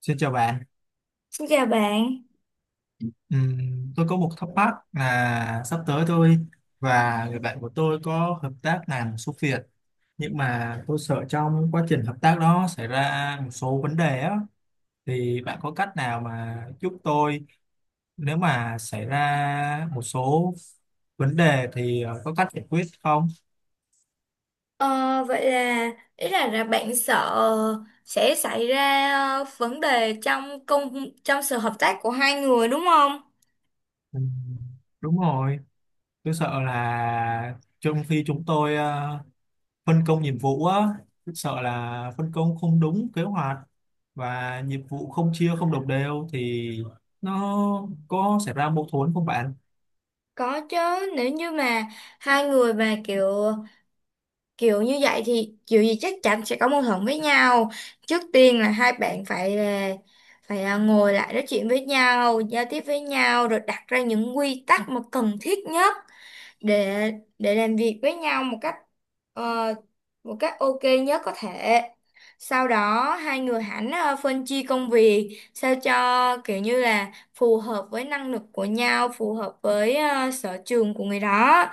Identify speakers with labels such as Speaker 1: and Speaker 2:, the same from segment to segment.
Speaker 1: Xin chào bạn.
Speaker 2: Xin chào bạn.
Speaker 1: Tôi có một thắc mắc là sắp tới tôi và người bạn của tôi có hợp tác làm một số việc, nhưng mà tôi sợ trong quá trình hợp tác đó xảy ra một số vấn đề á, thì bạn có cách nào mà giúp tôi nếu mà xảy ra một số vấn đề thì có cách giải quyết không?
Speaker 2: Ờ, Vậy là ý là bạn sợ sẽ xảy ra vấn đề trong sự hợp tác của hai người đúng không?
Speaker 1: Ừm, đúng rồi, tôi sợ là trong khi chúng tôi phân công nhiệm vụ á, rất sợ là phân công không đúng kế hoạch và nhiệm vụ không chia không đồng đều thì nó có xảy ra mâu thuẫn không bạn?
Speaker 2: Có chứ, nếu như mà hai người mà kiểu kiểu như vậy thì kiểu gì chắc chắn sẽ có mâu thuẫn với nhau. Trước tiên là hai bạn phải là ngồi lại nói chuyện với nhau, giao tiếp với nhau rồi đặt ra những quy tắc mà cần thiết nhất để để làm việc với nhau ờ, một cách ok nhất có thể. Sau đó hai người hẳn phân chia công việc sao cho kiểu như là phù hợp với năng lực của nhau, phù hợp với sở trường của người đó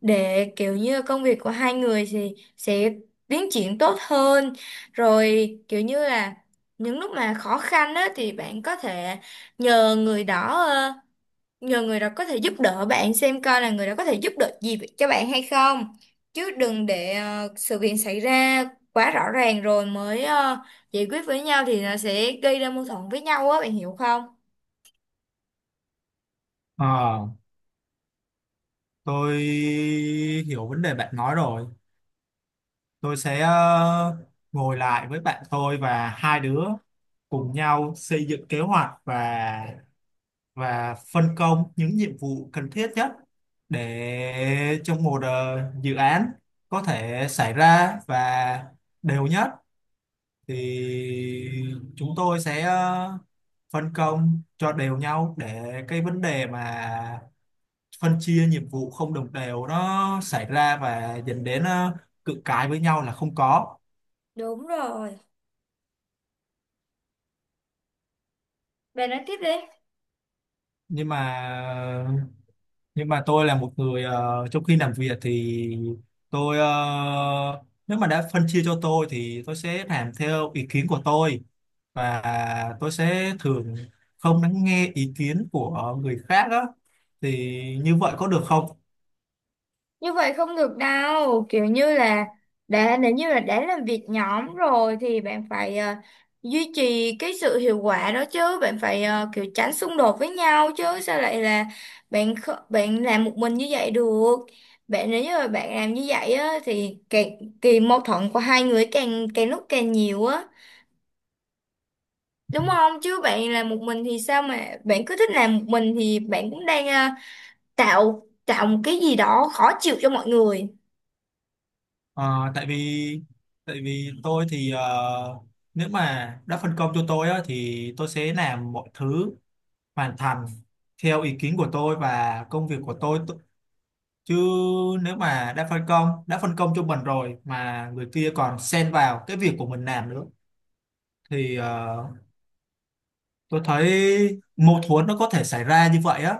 Speaker 2: để kiểu như công việc của hai người thì sẽ tiến triển tốt hơn. Rồi kiểu như là những lúc mà khó khăn á thì bạn có thể nhờ người đó ờ, nhờ người đó có thể giúp đỡ bạn xem coi là người đó có thể giúp được gì cho bạn hay không, chứ đừng để sự việc xảy ra quá rõ ràng rồi mới giải quyết với nhau thì nó sẽ gây ra mâu thuẫn với nhau á, bạn hiểu không?
Speaker 1: Ờ, tôi hiểu vấn đề bạn nói rồi. Tôi sẽ ngồi lại với bạn tôi và hai đứa cùng nhau xây dựng kế hoạch và phân công những nhiệm vụ cần thiết nhất để trong một dự án có thể xảy ra và đều nhất thì chúng tôi sẽ phân công cho đều nhau để cái vấn đề mà phân chia nhiệm vụ không đồng đều nó xảy ra và dẫn đến cự cãi với nhau là không có.
Speaker 2: Đúng rồi, bạn nói tiếp đi.
Speaker 1: Nhưng mà nhưng mà tôi là một người trong khi làm việc thì tôi nếu mà đã phân chia cho tôi thì tôi sẽ làm theo ý kiến của tôi, và tôi sẽ thường không lắng nghe ý kiến của người khác á, thì như vậy có được không?
Speaker 2: Như vậy không được đâu, kiểu như là nếu như là đã làm việc nhóm rồi thì bạn phải duy trì cái sự hiệu quả đó chứ, bạn phải kiểu tránh xung đột với nhau chứ sao lại là bạn làm một mình như vậy được. Bạn nếu như là bạn làm như vậy á thì càng kỳ, mâu thuẫn của hai người càng càng lúc càng nhiều á, đúng không? Chứ bạn làm một mình thì sao mà bạn cứ thích làm một mình thì bạn cũng đang tạo tạo một cái gì đó khó chịu cho mọi người.
Speaker 1: Ờ, tại vì tôi thì nếu mà đã phân công cho tôi á, thì tôi sẽ làm mọi thứ hoàn thành theo ý kiến của tôi và công việc của tôi, chứ nếu mà đã phân công cho mình rồi mà người kia còn xen vào cái việc của mình làm nữa thì tôi thấy mâu thuẫn nó có thể xảy ra như vậy á.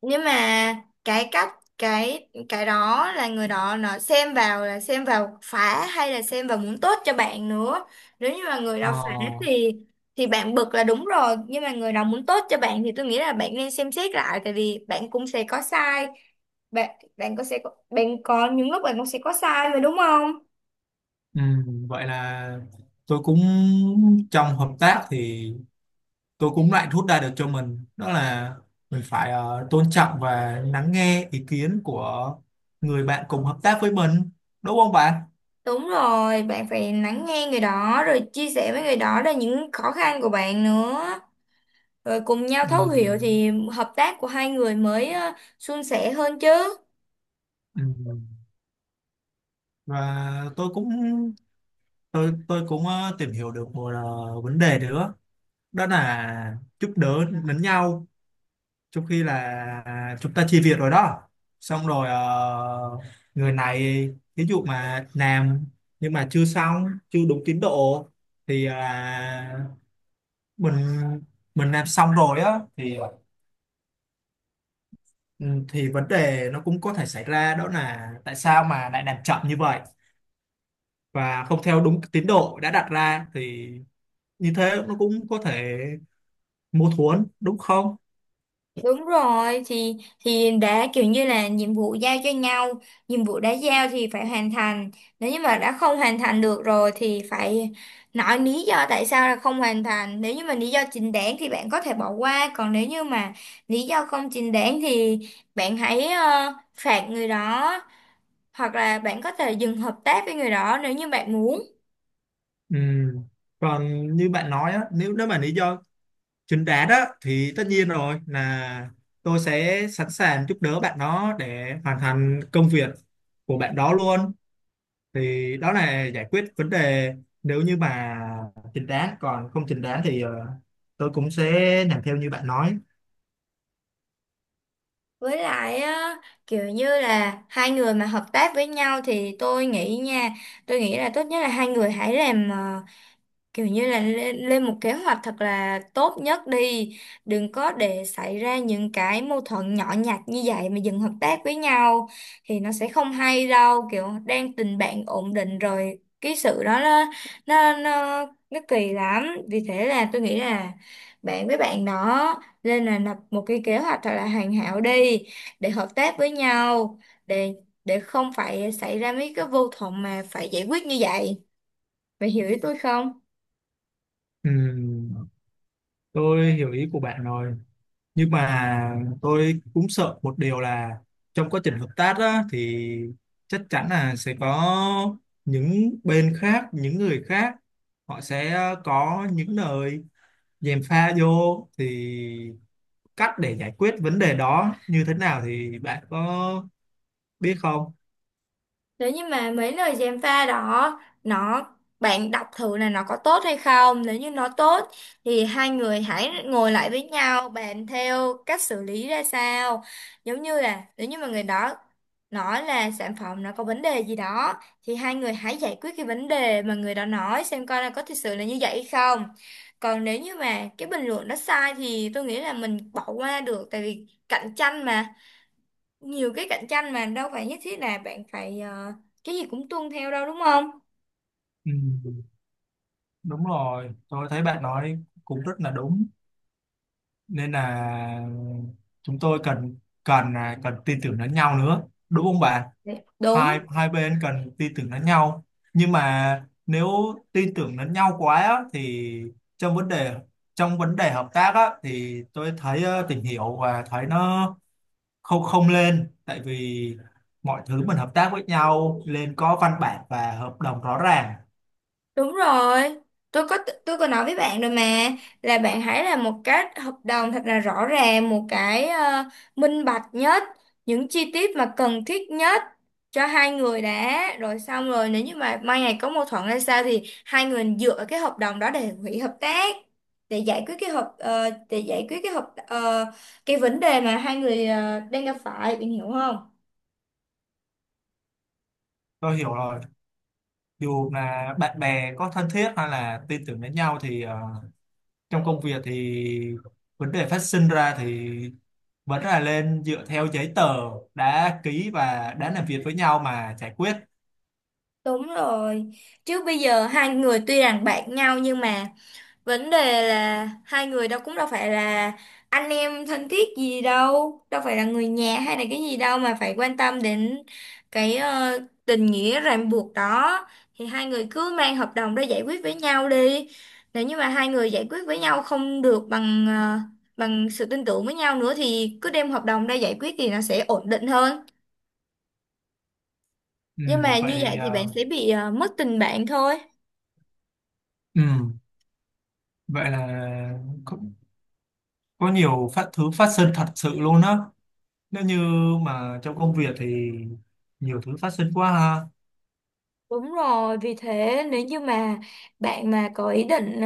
Speaker 2: Nhưng mà cái cách cái đó là người đó nó xem vào, là xem vào phá hay là xem vào muốn tốt cho bạn nữa. Nếu như mà người
Speaker 1: Ờ,
Speaker 2: đó phá thì bạn bực là đúng rồi, nhưng mà người đó muốn tốt cho bạn thì tôi nghĩ là bạn nên xem xét lại, tại vì bạn cũng sẽ có sai. Bạn bạn bạn có những lúc bạn cũng sẽ có sai mà, đúng không?
Speaker 1: vậy là tôi cũng trong hợp tác thì tôi cũng lại rút ra được cho mình đó là mình phải tôn trọng và lắng nghe ý kiến của người bạn cùng hợp tác với mình, đúng không bạn?
Speaker 2: Đúng rồi, bạn phải lắng nghe người đó rồi chia sẻ với người đó là những khó khăn của bạn nữa. Rồi cùng nhau thấu hiểu
Speaker 1: Ừm,
Speaker 2: thì hợp tác của hai người mới suôn sẻ hơn chứ.
Speaker 1: ừm. Và tôi cũng tôi cũng tìm hiểu được một vấn đề nữa, đó là giúp đỡ lẫn nhau. Trong khi là chúng ta chia việc rồi đó, xong rồi người này ví dụ mà làm nhưng mà chưa xong chưa đúng tiến độ thì là mình mình làm xong rồi á, thì ừ, thì vấn đề nó cũng có thể xảy ra, đó là tại sao mà lại làm chậm như vậy và không theo đúng tiến độ đã đặt ra, thì như thế nó cũng có thể mâu thuẫn đúng không?
Speaker 2: Đúng rồi, thì đã kiểu như là nhiệm vụ giao cho nhau, nhiệm vụ đã giao thì phải hoàn thành. Nếu như mà đã không hoàn thành được rồi thì phải nói lý do tại sao là không hoàn thành. Nếu như mà lý do chính đáng thì bạn có thể bỏ qua, còn nếu như mà lý do không chính đáng thì bạn hãy phạt người đó, hoặc là bạn có thể dừng hợp tác với người đó nếu như bạn muốn.
Speaker 1: Ừ. Còn như bạn nói á, nếu nếu mà lý do chính đáng á thì tất nhiên rồi, là tôi sẽ sẵn sàng giúp đỡ bạn đó để hoàn thành công việc của bạn đó luôn, thì đó là giải quyết vấn đề nếu như mà chính đáng. Còn không chính đáng thì tôi cũng sẽ làm theo như bạn nói.
Speaker 2: Với lại á, kiểu như là hai người mà hợp tác với nhau thì tôi nghĩ là tốt nhất là hai người hãy làm kiểu như là lên một kế hoạch thật là tốt nhất đi, đừng có để xảy ra những cái mâu thuẫn nhỏ nhặt như vậy mà dừng hợp tác với nhau thì nó sẽ không hay đâu, kiểu đang tình bạn ổn định rồi cái sự đó nó kỳ lắm, vì thế là tôi nghĩ là bạn với bạn đó nên là lập một cái kế hoạch thật là hoàn hảo đi để hợp tác với nhau, để để không phải xảy ra mấy cái mâu thuẫn mà phải giải quyết như vậy, bạn hiểu ý tôi không?
Speaker 1: Ừ. Tôi hiểu ý của bạn rồi, nhưng mà tôi cũng sợ một điều là trong quá trình hợp tác á, thì chắc chắn là sẽ có những bên khác, những người khác, họ sẽ có những lời gièm pha vô, thì cách để giải quyết vấn đề đó như thế nào thì bạn có biết không?
Speaker 2: Nếu như mà mấy lời gièm pha đó nó, bạn đọc thử là nó có tốt hay không. Nếu như nó tốt thì hai người hãy ngồi lại với nhau bàn theo cách xử lý ra sao, giống như là nếu như mà người đó nói là sản phẩm nó có vấn đề gì đó thì hai người hãy giải quyết cái vấn đề mà người đó nói, xem coi là có thực sự là như vậy hay không. Còn nếu như mà cái bình luận đó sai thì tôi nghĩ là mình bỏ qua được, tại vì cạnh tranh mà, nhiều cái cạnh tranh mà đâu phải nhất thiết là bạn phải cái gì cũng tuân theo đâu, đúng không?
Speaker 1: Ừ, đúng rồi, tôi thấy bạn nói cũng rất là đúng, nên là chúng tôi cần cần cần tin tưởng lẫn nhau nữa, đúng không bạn?
Speaker 2: Dạ. Đúng.
Speaker 1: Hai hai bên cần tin tưởng lẫn nhau, nhưng mà nếu tin tưởng lẫn nhau quá á, thì trong vấn đề trong vấn đề hợp tác á, thì tôi thấy tìm hiểu và thấy nó không không lên, tại vì mọi thứ mình hợp tác với nhau nên có văn bản và hợp đồng rõ ràng.
Speaker 2: Đúng rồi, tôi có tôi có nói với bạn rồi mà, là bạn hãy làm một cái hợp đồng thật là rõ ràng, một cái minh bạch nhất, những chi tiết mà cần thiết nhất cho hai người đã, rồi xong rồi nếu như mà mai ngày có mâu thuẫn hay sao thì hai người dựa vào cái hợp đồng đó để hủy hợp tác, để giải quyết cái hợp ờ, cái vấn đề mà hai người đang gặp phải, bạn hiểu không?
Speaker 1: Tôi hiểu rồi, dù là bạn bè có thân thiết hay là tin tưởng lẫn nhau thì trong công việc thì vấn đề phát sinh ra thì vẫn là lên dựa theo giấy tờ đã ký và đã làm việc với nhau mà giải quyết.
Speaker 2: Đúng rồi. Chứ bây giờ hai người tuy rằng bạn nhau nhưng mà vấn đề là hai người đâu, cũng đâu phải là anh em thân thiết gì đâu, đâu phải là người nhà hay là cái gì đâu mà phải quan tâm đến cái tình nghĩa ràng buộc đó, thì hai người cứ mang hợp đồng ra giải quyết với nhau đi. Nếu như mà hai người giải quyết với nhau không được bằng bằng sự tin tưởng với nhau nữa thì cứ đem hợp đồng ra giải quyết thì nó sẽ ổn định hơn.
Speaker 1: Ừ,
Speaker 2: Nhưng mà
Speaker 1: vậy
Speaker 2: như
Speaker 1: thì
Speaker 2: vậy thì bạn sẽ bị mất tình bạn thôi.
Speaker 1: ừ, vậy là có, có nhiều phát thứ phát sinh thật sự luôn đó, nếu như mà trong công việc thì nhiều thứ phát sinh quá ha.
Speaker 2: Đúng rồi, vì thế nếu như mà bạn mà có ý định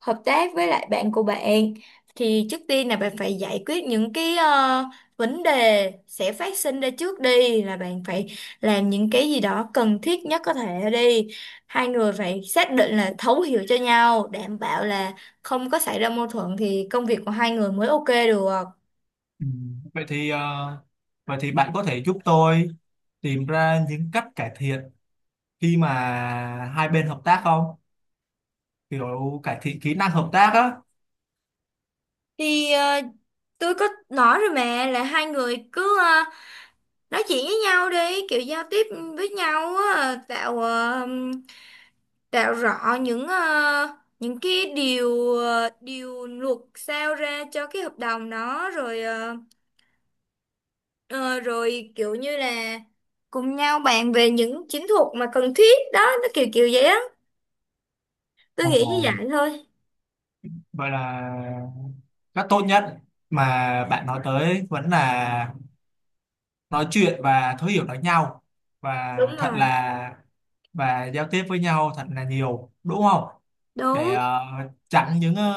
Speaker 2: hợp tác với lại bạn của bạn thì trước tiên là bạn phải giải quyết những cái vấn đề sẽ phát sinh ra trước đi, là bạn phải làm những cái gì đó cần thiết nhất có thể đi. Hai người phải xác định là thấu hiểu cho nhau, đảm bảo là không có xảy ra mâu thuẫn thì công việc của hai người mới ok được.
Speaker 1: Ừ, vậy thì vậy thì bạn có thể giúp tôi tìm ra những cách cải thiện khi mà hai bên hợp tác không, kiểu cải thiện kỹ năng hợp tác á?
Speaker 2: Thì tôi có nói rồi mà, là hai người cứ nói chuyện với nhau đi, kiểu giao tiếp với nhau á, Đạo rõ những cái điều điều luật sao ra cho cái hợp đồng đó, rồi kiểu như là cùng nhau bàn về những chiến thuật mà cần thiết đó, nó kiểu kiểu vậy á, tôi nghĩ như
Speaker 1: Ồ,
Speaker 2: vậy thôi.
Speaker 1: vậy là cách tốt nhất mà bạn nói tới vẫn là nói chuyện và thấu hiểu lẫn nhau và
Speaker 2: Đúng
Speaker 1: thật
Speaker 2: rồi.
Speaker 1: là và giao tiếp với nhau thật là nhiều đúng không, để
Speaker 2: Đúng.
Speaker 1: chặn những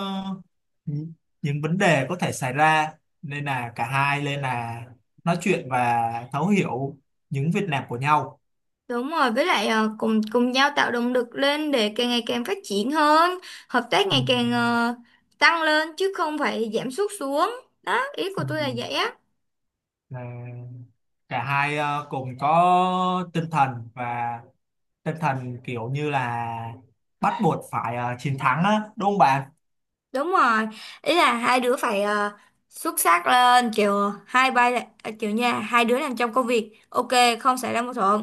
Speaker 1: những những vấn đề có thể xảy ra, nên là cả hai nên là nói chuyện và thấu hiểu những việc làm của nhau.
Speaker 2: Đúng rồi, với lại cùng cùng nhau tạo động lực lên để càng ngày càng phát triển hơn, hợp tác
Speaker 1: Ừ.
Speaker 2: ngày càng tăng lên chứ không phải giảm sút xuống. Đó ý của tôi
Speaker 1: Ừ.
Speaker 2: là vậy á.
Speaker 1: Là cả hai cùng có tinh thần và tinh thần kiểu như là bắt buộc phải chiến thắng á, đúng không bạn?
Speaker 2: Đúng rồi, ý là hai đứa phải xuất sắc lên, kiểu hai bay là à, kiểu nha hai đứa làm trong công việc ok, không xảy ra mâu thuẫn,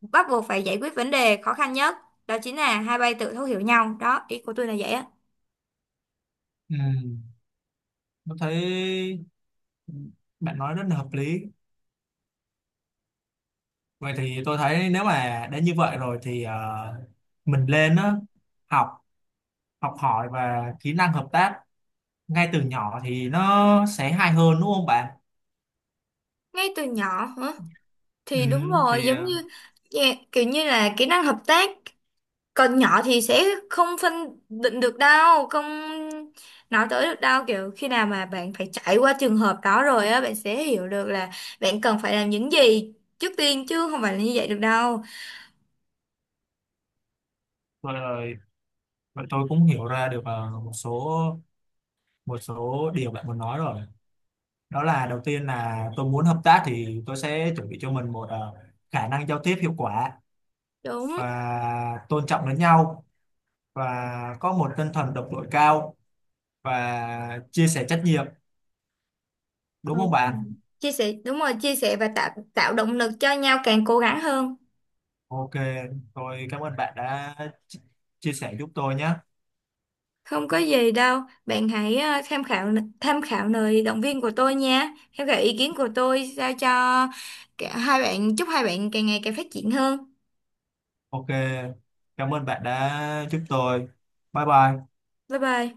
Speaker 2: bắt buộc phải giải quyết vấn đề khó khăn nhất, đó chính là hai bay tự thấu hiểu nhau. Đó ý của tôi là vậy á.
Speaker 1: Ừ. Tôi thấy bạn nói rất là hợp lý, vậy thì tôi thấy nếu mà đã như vậy rồi thì mình lên á học học hỏi và kỹ năng hợp tác ngay từ nhỏ thì nó sẽ hay hơn, đúng không bạn?
Speaker 2: Ngay từ nhỏ hả?
Speaker 1: Ừ.
Speaker 2: Thì đúng rồi,
Speaker 1: Thì
Speaker 2: giống như. Dạ, kiểu như là kỹ năng hợp tác còn nhỏ thì sẽ không phân định được đâu, không nói tới được đâu, kiểu khi nào mà bạn phải trải qua trường hợp đó rồi á bạn sẽ hiểu được là bạn cần phải làm những gì trước tiên, chứ không phải là như vậy được đâu.
Speaker 1: rồi, rồi vậy tôi cũng hiểu ra được một số điều bạn muốn nói rồi, đó là đầu tiên là tôi muốn hợp tác thì tôi sẽ chuẩn bị cho mình một khả năng giao tiếp hiệu quả
Speaker 2: Đúng.
Speaker 1: và tôn trọng lẫn nhau, và có một tinh thần đồng đội cao và chia sẻ trách nhiệm, đúng không
Speaker 2: Đúng rồi.
Speaker 1: bạn?
Speaker 2: Chia sẻ, đúng rồi, chia sẻ và tạo tạo động lực cho nhau càng cố gắng hơn.
Speaker 1: Ok, tôi cảm ơn bạn đã chi- chia sẻ giúp tôi nhé.
Speaker 2: Không có gì đâu, bạn hãy tham khảo lời động viên của tôi nha, tham khảo ý kiến của tôi sao cho cả hai bạn. Chúc hai bạn càng ngày càng phát triển hơn.
Speaker 1: Ok, cảm ơn bạn đã giúp tôi. Bye bye.
Speaker 2: Bye bye.